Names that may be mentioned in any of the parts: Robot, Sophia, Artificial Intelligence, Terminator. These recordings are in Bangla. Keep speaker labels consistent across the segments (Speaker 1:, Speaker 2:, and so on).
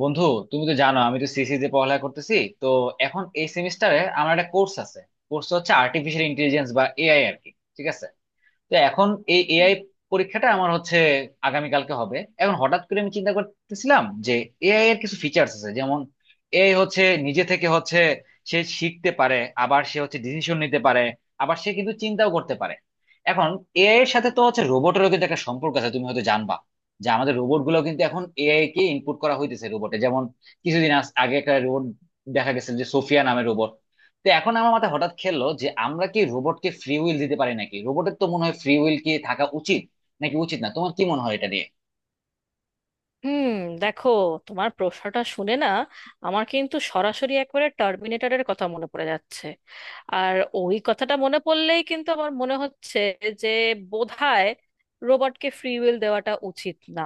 Speaker 1: বন্ধু, তুমি তো জানো আমি তো সিসি তে পড়ালেখা করতেছি। তো এখন এই সেমিস্টারে আমার একটা কোর্স আছে। কোর্স হচ্ছে আর্টিফিশিয়াল ইন্টেলিজেন্স বা এআই আর কি। ঠিক আছে। তো এখন এই
Speaker 2: হুম,
Speaker 1: এআই পরীক্ষাটা আমার হচ্ছে আগামীকালকে হবে। এখন হঠাৎ করে আমি চিন্তা করতেছিলাম যে এআই এর কিছু ফিচার্স আছে। যেমন এআই হচ্ছে নিজে থেকে হচ্ছে সে শিখতে পারে, আবার সে হচ্ছে ডিসিশন নিতে পারে, আবার সে কিন্তু চিন্তাও করতে পারে। এখন এআই এর সাথে তো হচ্ছে রোবটেরও কিন্তু একটা সম্পর্ক আছে, তুমি হয়তো জানবা যে আমাদের রোবট গুলো কিন্তু এখন এআই কে ইনপুট করা হইতেছে রোবটে। যেমন কিছুদিন আগে একটা রোবট দেখা গেছে, যে সোফিয়া নামের রোবট। তো এখন আমার মাথায় হঠাৎ খেললো যে আমরা কি রোবটকে ফ্রি উইল দিতে পারি নাকি? রোবটের তো মনে হয় ফ্রি উইল কি থাকা উচিত নাকি উচিত না? তোমার কি মনে হয় এটা নিয়ে?
Speaker 2: দেখো, তোমার প্রশ্নটা শুনে না আমার কিন্তু সরাসরি একবারে টার্মিনেটরের কথা মনে পড়ে যাচ্ছে। আর ওই কথাটা মনে পড়লেই কিন্তু আমার মনে হচ্ছে যে বোধহয় রোবটকে ফ্রি উইল দেওয়াটা উচিত না।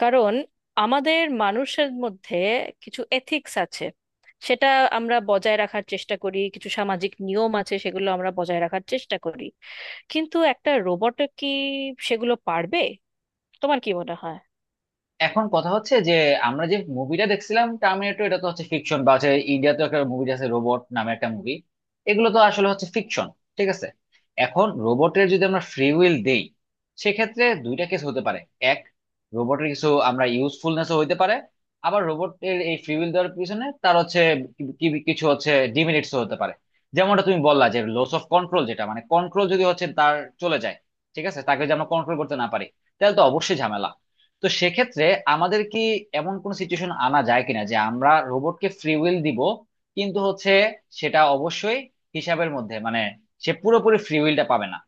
Speaker 2: কারণ আমাদের মানুষের মধ্যে কিছু এথিক্স আছে, সেটা আমরা বজায় রাখার চেষ্টা করি, কিছু সামাজিক নিয়ম আছে, সেগুলো আমরা বজায় রাখার চেষ্টা করি। কিন্তু একটা রোবট কি সেগুলো পারবে? তোমার কি মনে হয়?
Speaker 1: এখন কথা হচ্ছে যে আমরা যে মুভিটা দেখছিলাম টার্মিনেটর, এটা তো হচ্ছে ফিকশন, বা হচ্ছে ইন্ডিয়া তো একটা মুভি আছে রোবট নামে, একটা মুভি। এগুলো তো আসলে হচ্ছে ফিকশন। ঠিক আছে। এখন রোবটের যদি আমরা ফ্রি উইল দেই, সেক্ষেত্রে দুইটা কেস হতে পারে। এক, রোবটের কিছু আমরা ইউজফুলনেসও হইতে পারে। আবার রোবটের এই ফ্রি উইল দেওয়ার পিছনে তার হচ্ছে কি- কি- কিছু হচ্ছে ডিমেরিটসও হতে পারে। যেমনটা তুমি বললা যে লস অফ কন্ট্রোল, যেটা মানে কন্ট্রোল যদি হচ্ছে তার চলে যায়, ঠিক আছে, তাকে যদি আমরা কন্ট্রোল করতে না পারি, তাহলে তো অবশ্যই ঝামেলা। তো সেক্ষেত্রে আমাদের কি এমন কোন সিচুয়েশন আনা যায় কিনা যে আমরা রোবটকে ফ্রি উইল দিব, কিন্তু হচ্ছে সেটা অবশ্যই হিসাবের মধ্যে, মানে সে পুরোপুরি ফ্রি উইলটা পাবে না।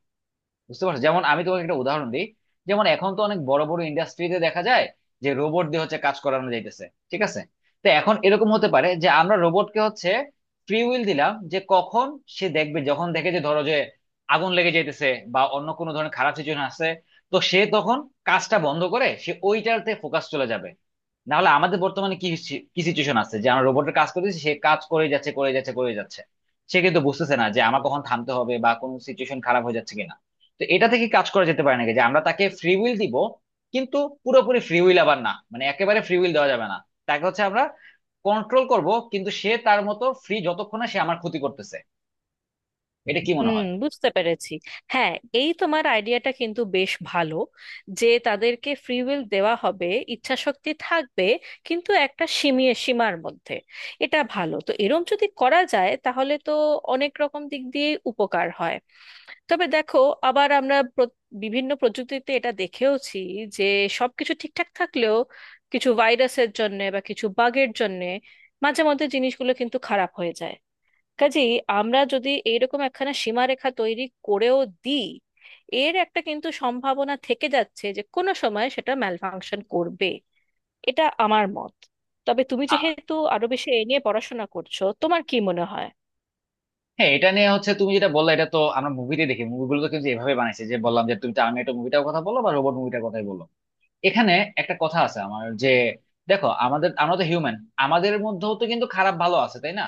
Speaker 1: বুঝতে পারছো? যেমন আমি তোমাকে একটা উদাহরণ দিই। যেমন এখন তো অনেক বড় বড় ইন্ডাস্ট্রিতে দেখা যায় যে রোবট দিয়ে হচ্ছে কাজ করানো যাইতেছে। ঠিক আছে। তো এখন এরকম হতে পারে যে আমরা রোবটকে হচ্ছে ফ্রি উইল দিলাম যে কখন সে দেখবে, যখন দেখে যে, ধরো যে আগুন লেগে যাইতেছে বা অন্য কোনো ধরনের খারাপ সিচুয়েশন আছে, তো সে তখন কাজটা বন্ধ করে সে ওইটাতে ফোকাস চলে যাবে। না হলে আমাদের বর্তমানে কি কি সিচুয়েশন আছে যে আমরা রোবটের কাজ করতেছি, সে কাজ করে যাচ্ছে, করে যাচ্ছে, করে যাচ্ছে। সে কিন্তু বুঝতেছে না যে আমার কখন থামতে হবে বা কোন সিচুয়েশন খারাপ হয়ে যাচ্ছে কিনা। তো এটা থেকে কাজ করা যেতে পারে নাকি যে আমরা তাকে ফ্রি উইল দিব, কিন্তু পুরোপুরি ফ্রি উইল আবার না, মানে একেবারে ফ্রি উইল দেওয়া যাবে না। তাকে হচ্ছে আমরা কন্ট্রোল করব, কিন্তু সে তার মতো ফ্রি যতক্ষণ না সে আমার ক্ষতি করতেছে। এটা কি মনে
Speaker 2: হুম,
Speaker 1: হয়?
Speaker 2: বুঝতে পেরেছি। হ্যাঁ, এই তোমার আইডিয়াটা কিন্তু বেশ ভালো, যে তাদেরকে ফ্রি উইল দেওয়া হবে, ইচ্ছা শক্তি থাকবে, কিন্তু একটা সীমার মধ্যে। এটা ভালো, তো এরম যদি করা যায় তাহলে তো অনেক রকম দিক দিয়ে উপকার হয়। তবে দেখো, আবার আমরা বিভিন্ন প্রযুক্তিতে এটা দেখেওছি, যে সবকিছু ঠিকঠাক থাকলেও কিছু ভাইরাসের জন্য বা কিছু বাগের জন্য মাঝে মধ্যে জিনিসগুলো কিন্তু খারাপ হয়ে যায়। কাজেই আমরা যদি এইরকম একখানা সীমারেখা তৈরি করেও দিই, এর একটা কিন্তু সম্ভাবনা থেকে যাচ্ছে যে কোনো সময় সেটা ম্যালফাংশন করবে। এটা আমার মত। তবে তুমি
Speaker 1: আ-
Speaker 2: যেহেতু আরো বেশি এ নিয়ে পড়াশোনা করছো, তোমার কি মনে হয়?
Speaker 1: হ্যাঁ, এটা নিয়ে হচ্ছে তুমি যেটা বললে, এটা তো আমরা মুভিতে দেখি। মুভিগুলো তো কিন্তু এভাবে বানাইছে, যে বললাম যে তুমি টার্মিনেটর মুভিটার কথা বলো বা রোবট মুভিটার কথাই বলো। এখানে একটা কথা আছে আমার যে, দেখো, আমাদের আমরা তো হিউম্যান, আমাদের মধ্যেও তো কিন্তু খারাপ ভালো আছে, তাই না?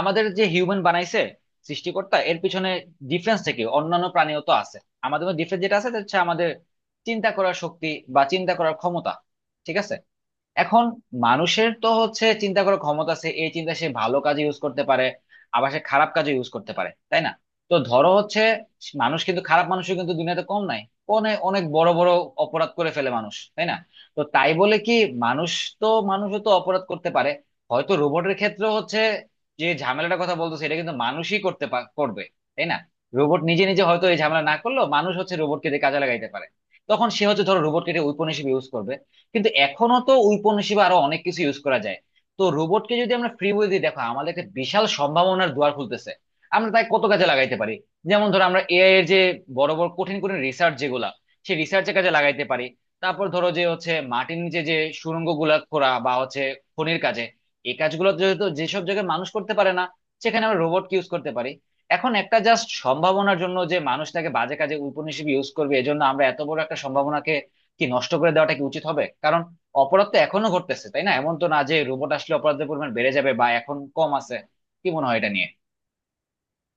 Speaker 1: আমাদের যে হিউম্যান বানাইছে সৃষ্টিকর্তা, এর পিছনে ডিফারেন্সটা কি? অন্যান্য প্রাণীও তো আছে। আমাদের ডিফারেন্স যেটা আছে সেটা হচ্ছে আমাদের চিন্তা করার শক্তি, বা চিন্তা করার ক্ষমতা। ঠিক আছে। এখন মানুষের তো হচ্ছে চিন্তা করার ক্ষমতা আছে, এই চিন্তা সে ভালো কাজে ইউজ করতে পারে, আবার সে খারাপ কাজে ইউজ করতে পারে, তাই না? তো ধরো হচ্ছে মানুষ, কিন্তু খারাপ মানুষও কিন্তু দুনিয়াতে কম নাই। অনেক অনেক বড় বড় অপরাধ করে ফেলে মানুষ, তাই না? তো তাই বলে কি মানুষ, তো মানুষও তো অপরাধ করতে পারে। হয়তো রোবটের ক্ষেত্রে হচ্ছে যে ঝামেলাটার কথা বলতো, সেটা কিন্তু মানুষই করবে, তাই না? রোবট নিজে নিজে হয়তো এই ঝামেলা না করলেও মানুষ হচ্ছে রোবটকে দিয়ে কাজে লাগাইতে পারে। তখন সে হচ্ছে, ধরো, রোবটকে এটা ঔপনিবেশিক ইউজ করবে, কিন্তু এখনো তো ঔপনিবেশিক আরো অনেক কিছু ইউজ করা যায়। তো রোবটকে যদি আমরা ফ্রি বই দিই, দেখো, আমাদের একটা বিশাল সম্ভাবনার দুয়ার খুলতেছে। আমরা তাই কত কাজে লাগাইতে পারি। যেমন ধরো আমরা এআই এর যে বড় বড় কঠিন কঠিন রিসার্চ যেগুলা, সেই রিসার্চের কাজে লাগাইতে পারি। তারপর ধরো যে হচ্ছে মাটির নিচে যে সুড়ঙ্গ গুলা খোঁড়া বা হচ্ছে খনির কাজে, এই কাজগুলো যেহেতু যেসব জায়গায় মানুষ করতে পারে না, সেখানে আমরা রোবটকে ইউজ করতে পারি। এখন একটা জাস্ট সম্ভাবনার জন্য যে মানুষটাকে বাজে কাজে উপনিষেধ ইউজ করবে, এজন্য আমরা এত বড় একটা সম্ভাবনাকে কি নষ্ট করে দেওয়াটা কি উচিত হবে? কারণ অপরাধ তো এখনো ঘটতেছে, তাই না? এমন তো না যে রোবট আসলে অপরাধের পরিমাণ বেড়ে যাবে বা এখন কম আছে। কি মনে হয় এটা নিয়ে?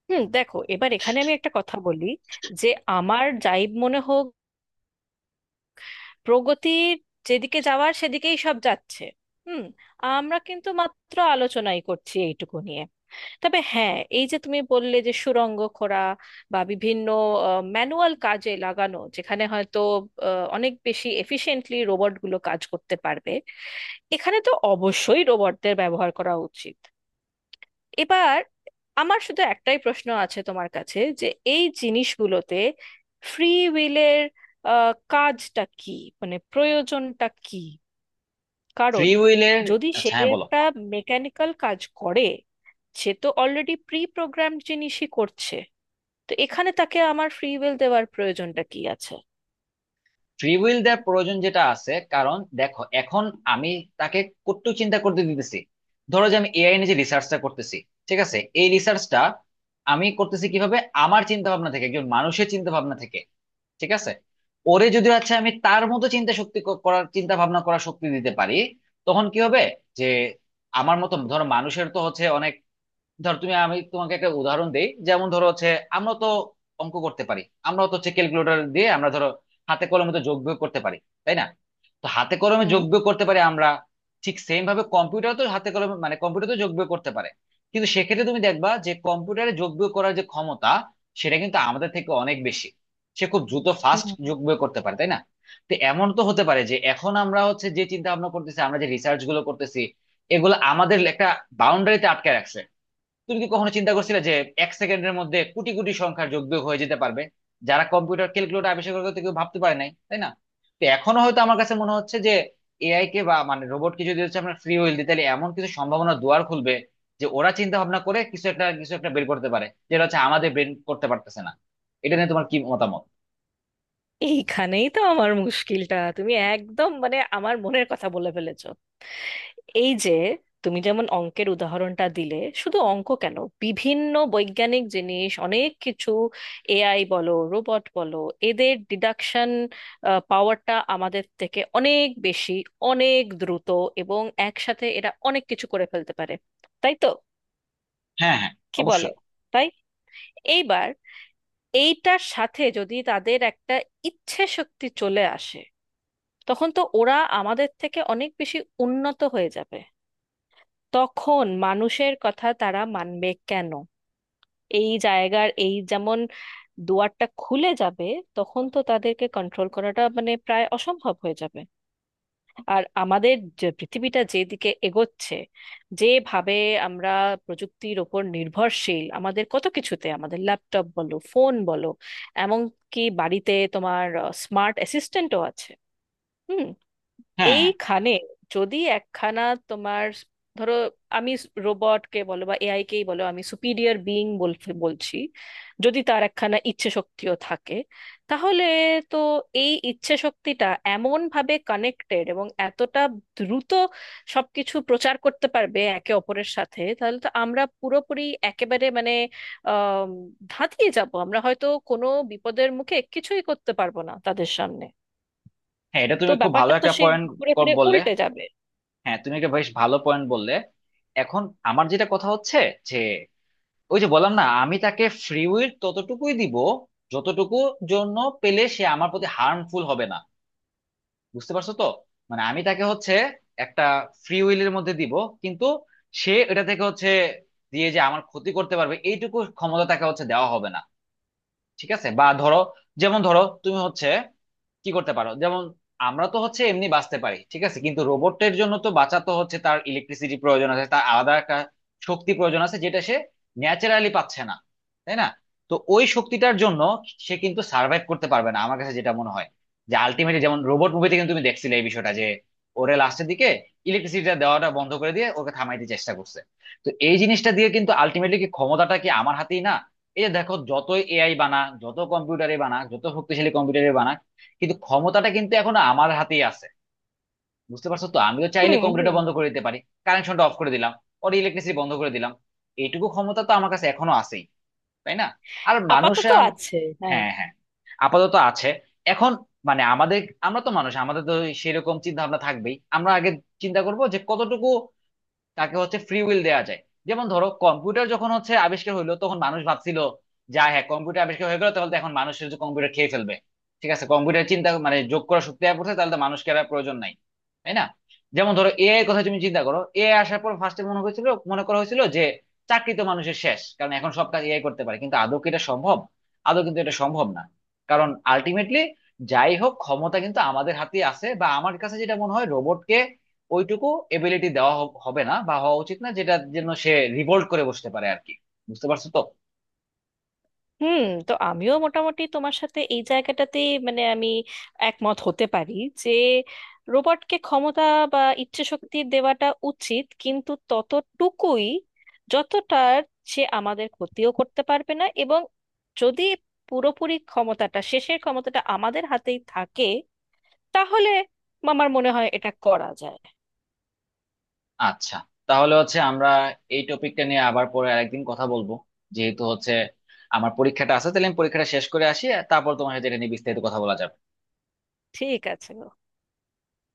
Speaker 2: হুম, দেখো, এবার এখানে আমি একটা কথা বলি, যে আমার যাই মনে হোক, প্রগতির যেদিকে যাওয়ার সেদিকেই সব যাচ্ছে। হুম। আমরা কিন্তু মাত্র আলোচনাই করছি এইটুকু নিয়ে। তবে হ্যাঁ, এই যে তুমি বললে যে সুড়ঙ্গ খোঁড়া বা বিভিন্ন ম্যানুয়াল কাজে লাগানো, যেখানে হয়তো অনেক বেশি এফিশিয়েন্টলি রোবটগুলো কাজ করতে পারবে, এখানে তো অবশ্যই রোবটদের ব্যবহার করা উচিত। এবার আমার শুধু একটাই প্রশ্ন আছে তোমার কাছে, যে এই জিনিসগুলোতে ফ্রি উইলের কাজটা কি, মানে প্রয়োজনটা কি?
Speaker 1: ফ্রি
Speaker 2: কারণ
Speaker 1: উইলের,
Speaker 2: যদি সে
Speaker 1: আচ্ছা হ্যাঁ বলো।
Speaker 2: একটা মেকানিক্যাল কাজ করে, সে তো অলরেডি প্রি প্রোগ্রাম জিনিসই করছে। তো এখানে তাকে আমার ফ্রি উইল দেওয়ার প্রয়োজনটা কি আছে?
Speaker 1: ফ্রি উইল দেওয়ার প্রয়োজন যেটা আছে, কারণ দেখো, এখন আমি তাকে কত চিন্তা করতে দিতেছি। ধরো যে আমি এআই নিয়ে যে রিসার্চটা করতেছি, ঠিক আছে, এই রিসার্চটা আমি করতেছি কিভাবে? আমার চিন্তা ভাবনা থেকে, একজন মানুষের চিন্তা ভাবনা থেকে। ঠিক আছে। ওরে যদি হচ্ছে আমি তার মতো চিন্তা শক্তি করার চিন্তা ভাবনা করার শক্তি দিতে পারি, তখন কি হবে? যে আমার মতো, ধরো, মানুষের তো হচ্ছে অনেক, ধর তুমি, আমি তোমাকে একটা উদাহরণ দেই, যেমন ধরো হচ্ছে আমরা তো অঙ্ক করতে পারি। আমরা তো হচ্ছে ক্যালকুলেটর দিয়ে আমরা, ধরো, হাতে কলমে তো যোগ বিয়োগ করতে পারি, তাই না? তো হাতে কলমে
Speaker 2: হুম
Speaker 1: যোগ বিয়োগ করতে পারি আমরা। ঠিক সেম ভাবে কম্পিউটার তো হাতে কলমে, মানে কম্পিউটার তো যোগ বিয়োগ করতে পারে, কিন্তু সেক্ষেত্রে তুমি দেখবা যে কম্পিউটারে যোগ বিয়োগ করার যে ক্ষমতা, সেটা কিন্তু আমাদের থেকে অনেক বেশি। সে খুব দ্রুত ফাস্ট
Speaker 2: হুম।
Speaker 1: যোগ বিয়োগ করতে পারে, তাই না? তো এমন তো হতে পারে যে এখন আমরা হচ্ছে যে চিন্তা ভাবনা করতেছি, আমরা যে রিসার্চ গুলো করতেছি, এগুলো আমাদের একটা বাউন্ডারিতে আটকে রাখছে। তুমি কি কখনো চিন্তা করছিলে যে এক সেকেন্ডের মধ্যে কোটি কোটি সংখ্যার যোগ বিয়োগ হয়ে যেতে পারবে? যারা কম্পিউটার ক্যালকুলেটর আবিষ্কার করতে কেউ ভাবতে পারে নাই, তাই না? তো এখনো হয়তো আমার কাছে মনে হচ্ছে যে এআই কে বা মানে রোবটকে যদি হচ্ছে আমরা ফ্রি হুইল দিই, তাহলে এমন কিছু সম্ভাবনা দুয়ার খুলবে যে ওরা চিন্তা ভাবনা করে কিছু একটা, কিছু একটা বের করতে পারে, যেটা হচ্ছে আমাদের ব্রেন করতে পারতেছে না। এটা নিয়ে তোমার কি মতামত?
Speaker 2: এইখানেই তো আমার মুশকিলটা। তুমি একদম মানে আমার মনের কথা বলে ফেলেছো। এই যে তুমি যেমন অঙ্কের উদাহরণটা দিলে, শুধু অঙ্ক কেন, বিভিন্ন বৈজ্ঞানিক জিনিস অনেক কিছু, এআই বলো রোবট বলো, এদের ডিডাকশন পাওয়ারটা আমাদের থেকে অনেক বেশি, অনেক দ্রুত, এবং একসাথে এরা অনেক কিছু করে ফেলতে পারে। তাই তো?
Speaker 1: হ্যাঁ, হ্যাঁ,
Speaker 2: কি বলো?
Speaker 1: অবশ্যই।
Speaker 2: তাই, এইবার এইটার সাথে যদি তাদের একটা ইচ্ছে শক্তি চলে আসে, তখন তো ওরা আমাদের থেকে অনেক বেশি উন্নত হয়ে যাবে। তখন মানুষের কথা তারা মানবে কেন? এই জায়গার এই যেমন দুয়ারটা খুলে যাবে। তখন তো তাদেরকে কন্ট্রোল করাটা মানে প্রায় অসম্ভব হয়ে যাবে। আর আমাদের যে পৃথিবীটা যেদিকে এগোচ্ছে, যেভাবে আমরা প্রযুক্তির ওপর নির্ভরশীল, আমাদের কত কিছুতে, আমাদের ল্যাপটপ বলো, ফোন বলো, এমনকি বাড়িতে তোমার স্মার্ট অ্যাসিস্ট্যান্টও আছে। হুম।
Speaker 1: হ্যাঁ, হ্যাঁ।
Speaker 2: এইখানে যদি একখানা, তোমার ধরো, আমি রোবটকে বলো বা এআই কেই বলো, আমি সুপিরিয়র বিইং বলছি, যদি তার একখানা ইচ্ছে শক্তিও থাকে, তাহলে তো এই ইচ্ছে শক্তিটা এমন ভাবে কানেক্টেড এবং এতটা দ্রুত সবকিছু প্রচার করতে পারবে একে অপরের সাথে, তাহলে তো আমরা পুরোপুরি একেবারে মানে আহ ধাঁতকে যাব। আমরা হয়তো কোনো বিপদের মুখে কিছুই করতে পারবো না তাদের সামনে।
Speaker 1: হ্যাঁ, এটা
Speaker 2: তো
Speaker 1: তুমি খুব ভালো
Speaker 2: ব্যাপারটা তো
Speaker 1: একটা
Speaker 2: সে
Speaker 1: পয়েন্ট
Speaker 2: ঘুরে ফিরে
Speaker 1: বললে।
Speaker 2: উল্টে যাবে।
Speaker 1: হ্যাঁ, তুমি একটা বেশ ভালো পয়েন্ট বললে। এখন আমার যেটা কথা হচ্ছে, যে, ওই যে বললাম না, আমি তাকে ফ্রি উইল ততটুকুই দিব যতটুকু জন্য পেলে সে আমার প্রতি হার্মফুল হবে না। বুঝতে পারছো তো? মানে আমি তাকে হচ্ছে একটা ফ্রি উইলের মধ্যে দিব, কিন্তু সে এটা থেকে হচ্ছে দিয়ে যে আমার ক্ষতি করতে পারবে, এইটুকু ক্ষমতা তাকে হচ্ছে দেওয়া হবে না। ঠিক আছে। বা ধরো, যেমন ধরো তুমি হচ্ছে কি করতে পারো, যেমন আমরা তো হচ্ছে এমনি বাঁচতে পারি, ঠিক আছে, কিন্তু রোবটের জন্য তো বাঁচা তো হচ্ছে তার ইলেকট্রিসিটি প্রয়োজন আছে, তার আলাদা একটা শক্তি প্রয়োজন আছে, যেটা সে ন্যাচারালি পাচ্ছে না, তাই না? তো ওই শক্তিটার জন্য সে কিন্তু সার্ভাইভ করতে পারবে না, আমার কাছে যেটা মনে হয়। যে আলটিমেটলি, যেমন রোবট মুভিতে কিন্তু তুমি দেখছিলে এই বিষয়টা, যে ওরে লাস্টের দিকে ইলেকট্রিসিটিটা দেওয়াটা বন্ধ করে দিয়ে ওকে থামাইতে চেষ্টা করছে। তো এই জিনিসটা দিয়ে কিন্তু আলটিমেটলি কি ক্ষমতাটা কি আমার হাতেই না? এই যে দেখো, যতই এআই বানা, যত কম্পিউটারে বানা, যত শক্তিশালী কম্পিউটারে বানা, কিন্তু ক্ষমতাটা কিন্তু এখন আমার হাতেই আছে। বুঝতে পারছো তো, আমিও চাইলে
Speaker 2: হুম
Speaker 1: কম্পিউটারটা
Speaker 2: হুম
Speaker 1: বন্ধ করে দিতে পারি, কানেকশনটা অফ করে দিলাম, ওর ইলেকট্রিসিটি বন্ধ করে দিলাম, এইটুকু ক্ষমতা তো আমার কাছে এখনো আছেই, তাই না? আর মানুষে
Speaker 2: আপাতত আছে, হ্যাঁ।
Speaker 1: হ্যাঁ, হ্যাঁ, আপাতত আছে। এখন মানে আমাদের, আমরা তো মানুষ, আমাদের তো সেরকম চিন্তা ভাবনা থাকবেই, আমরা আগে চিন্তা করবো যে কতটুকু তাকে হচ্ছে ফ্রি উইল দেওয়া যায়। যেমন ধরো কম্পিউটার যখন হচ্ছে আবিষ্কার হইলো, তখন মানুষ ভাবছিল যা হ্যাঁ কম্পিউটার আবিষ্কার হয়ে গেলো, তাহলে তো এখন মানুষের যে কম্পিউটার খেয়ে ফেলবে, ঠিক আছে, কম্পিউটার চিন্তা মানে যোগ করা শক্তি আর পড়ছে, তাহলে তো মানুষকে আর প্রয়োজন নাই, তাই না? যেমন ধরো এআই এর কথা তুমি চিন্তা করো, এআই আসার পর ফার্স্টে মনে হয়েছিল, মনে করা হয়েছিল যে চাকরি তো মানুষের শেষ, কারণ এখন সব কাজ এআই করতে পারে। কিন্তু আদৌ কি এটা সম্ভব? আদৌ কিন্তু এটা সম্ভব না। কারণ আলটিমেটলি, যাই হোক, ক্ষমতা কিন্তু আমাদের হাতে আছে। বা আমার কাছে যেটা মনে হয় রোবটকে ওইটুকু এবিলিটি দেওয়া হবে না, বা হওয়া উচিত না, যেটার জন্য সে রিভোল্ট করে বসতে পারে আর কি। বুঝতে পারছো তো?
Speaker 2: হুম, তো আমিও মোটামুটি তোমার সাথে এই জায়গাটাতে, মানে আমি একমত হতে পারি, যে রোবটকে ক্ষমতা বা ইচ্ছে শক্তি দেওয়াটা উচিত, কিন্তু ততটুকুই যতটার সে আমাদের ক্ষতিও করতে পারবে না, এবং যদি পুরোপুরি ক্ষমতাটা, শেষের ক্ষমতাটা আমাদের হাতেই থাকে, তাহলে আমার মনে হয় এটা করা যায়।
Speaker 1: আচ্ছা, তাহলে হচ্ছে আমরা এই টপিকটা নিয়ে আবার পরে আরেকদিন কথা বলবো। যেহেতু হচ্ছে আমার পরীক্ষাটা আছে, তাহলে আমি পরীক্ষাটা শেষ করে আসি, আর তারপর তোমার সাথে এটা নিয়ে বিস্তারিত কথা বলা যাবে।
Speaker 2: ঠিক আছে।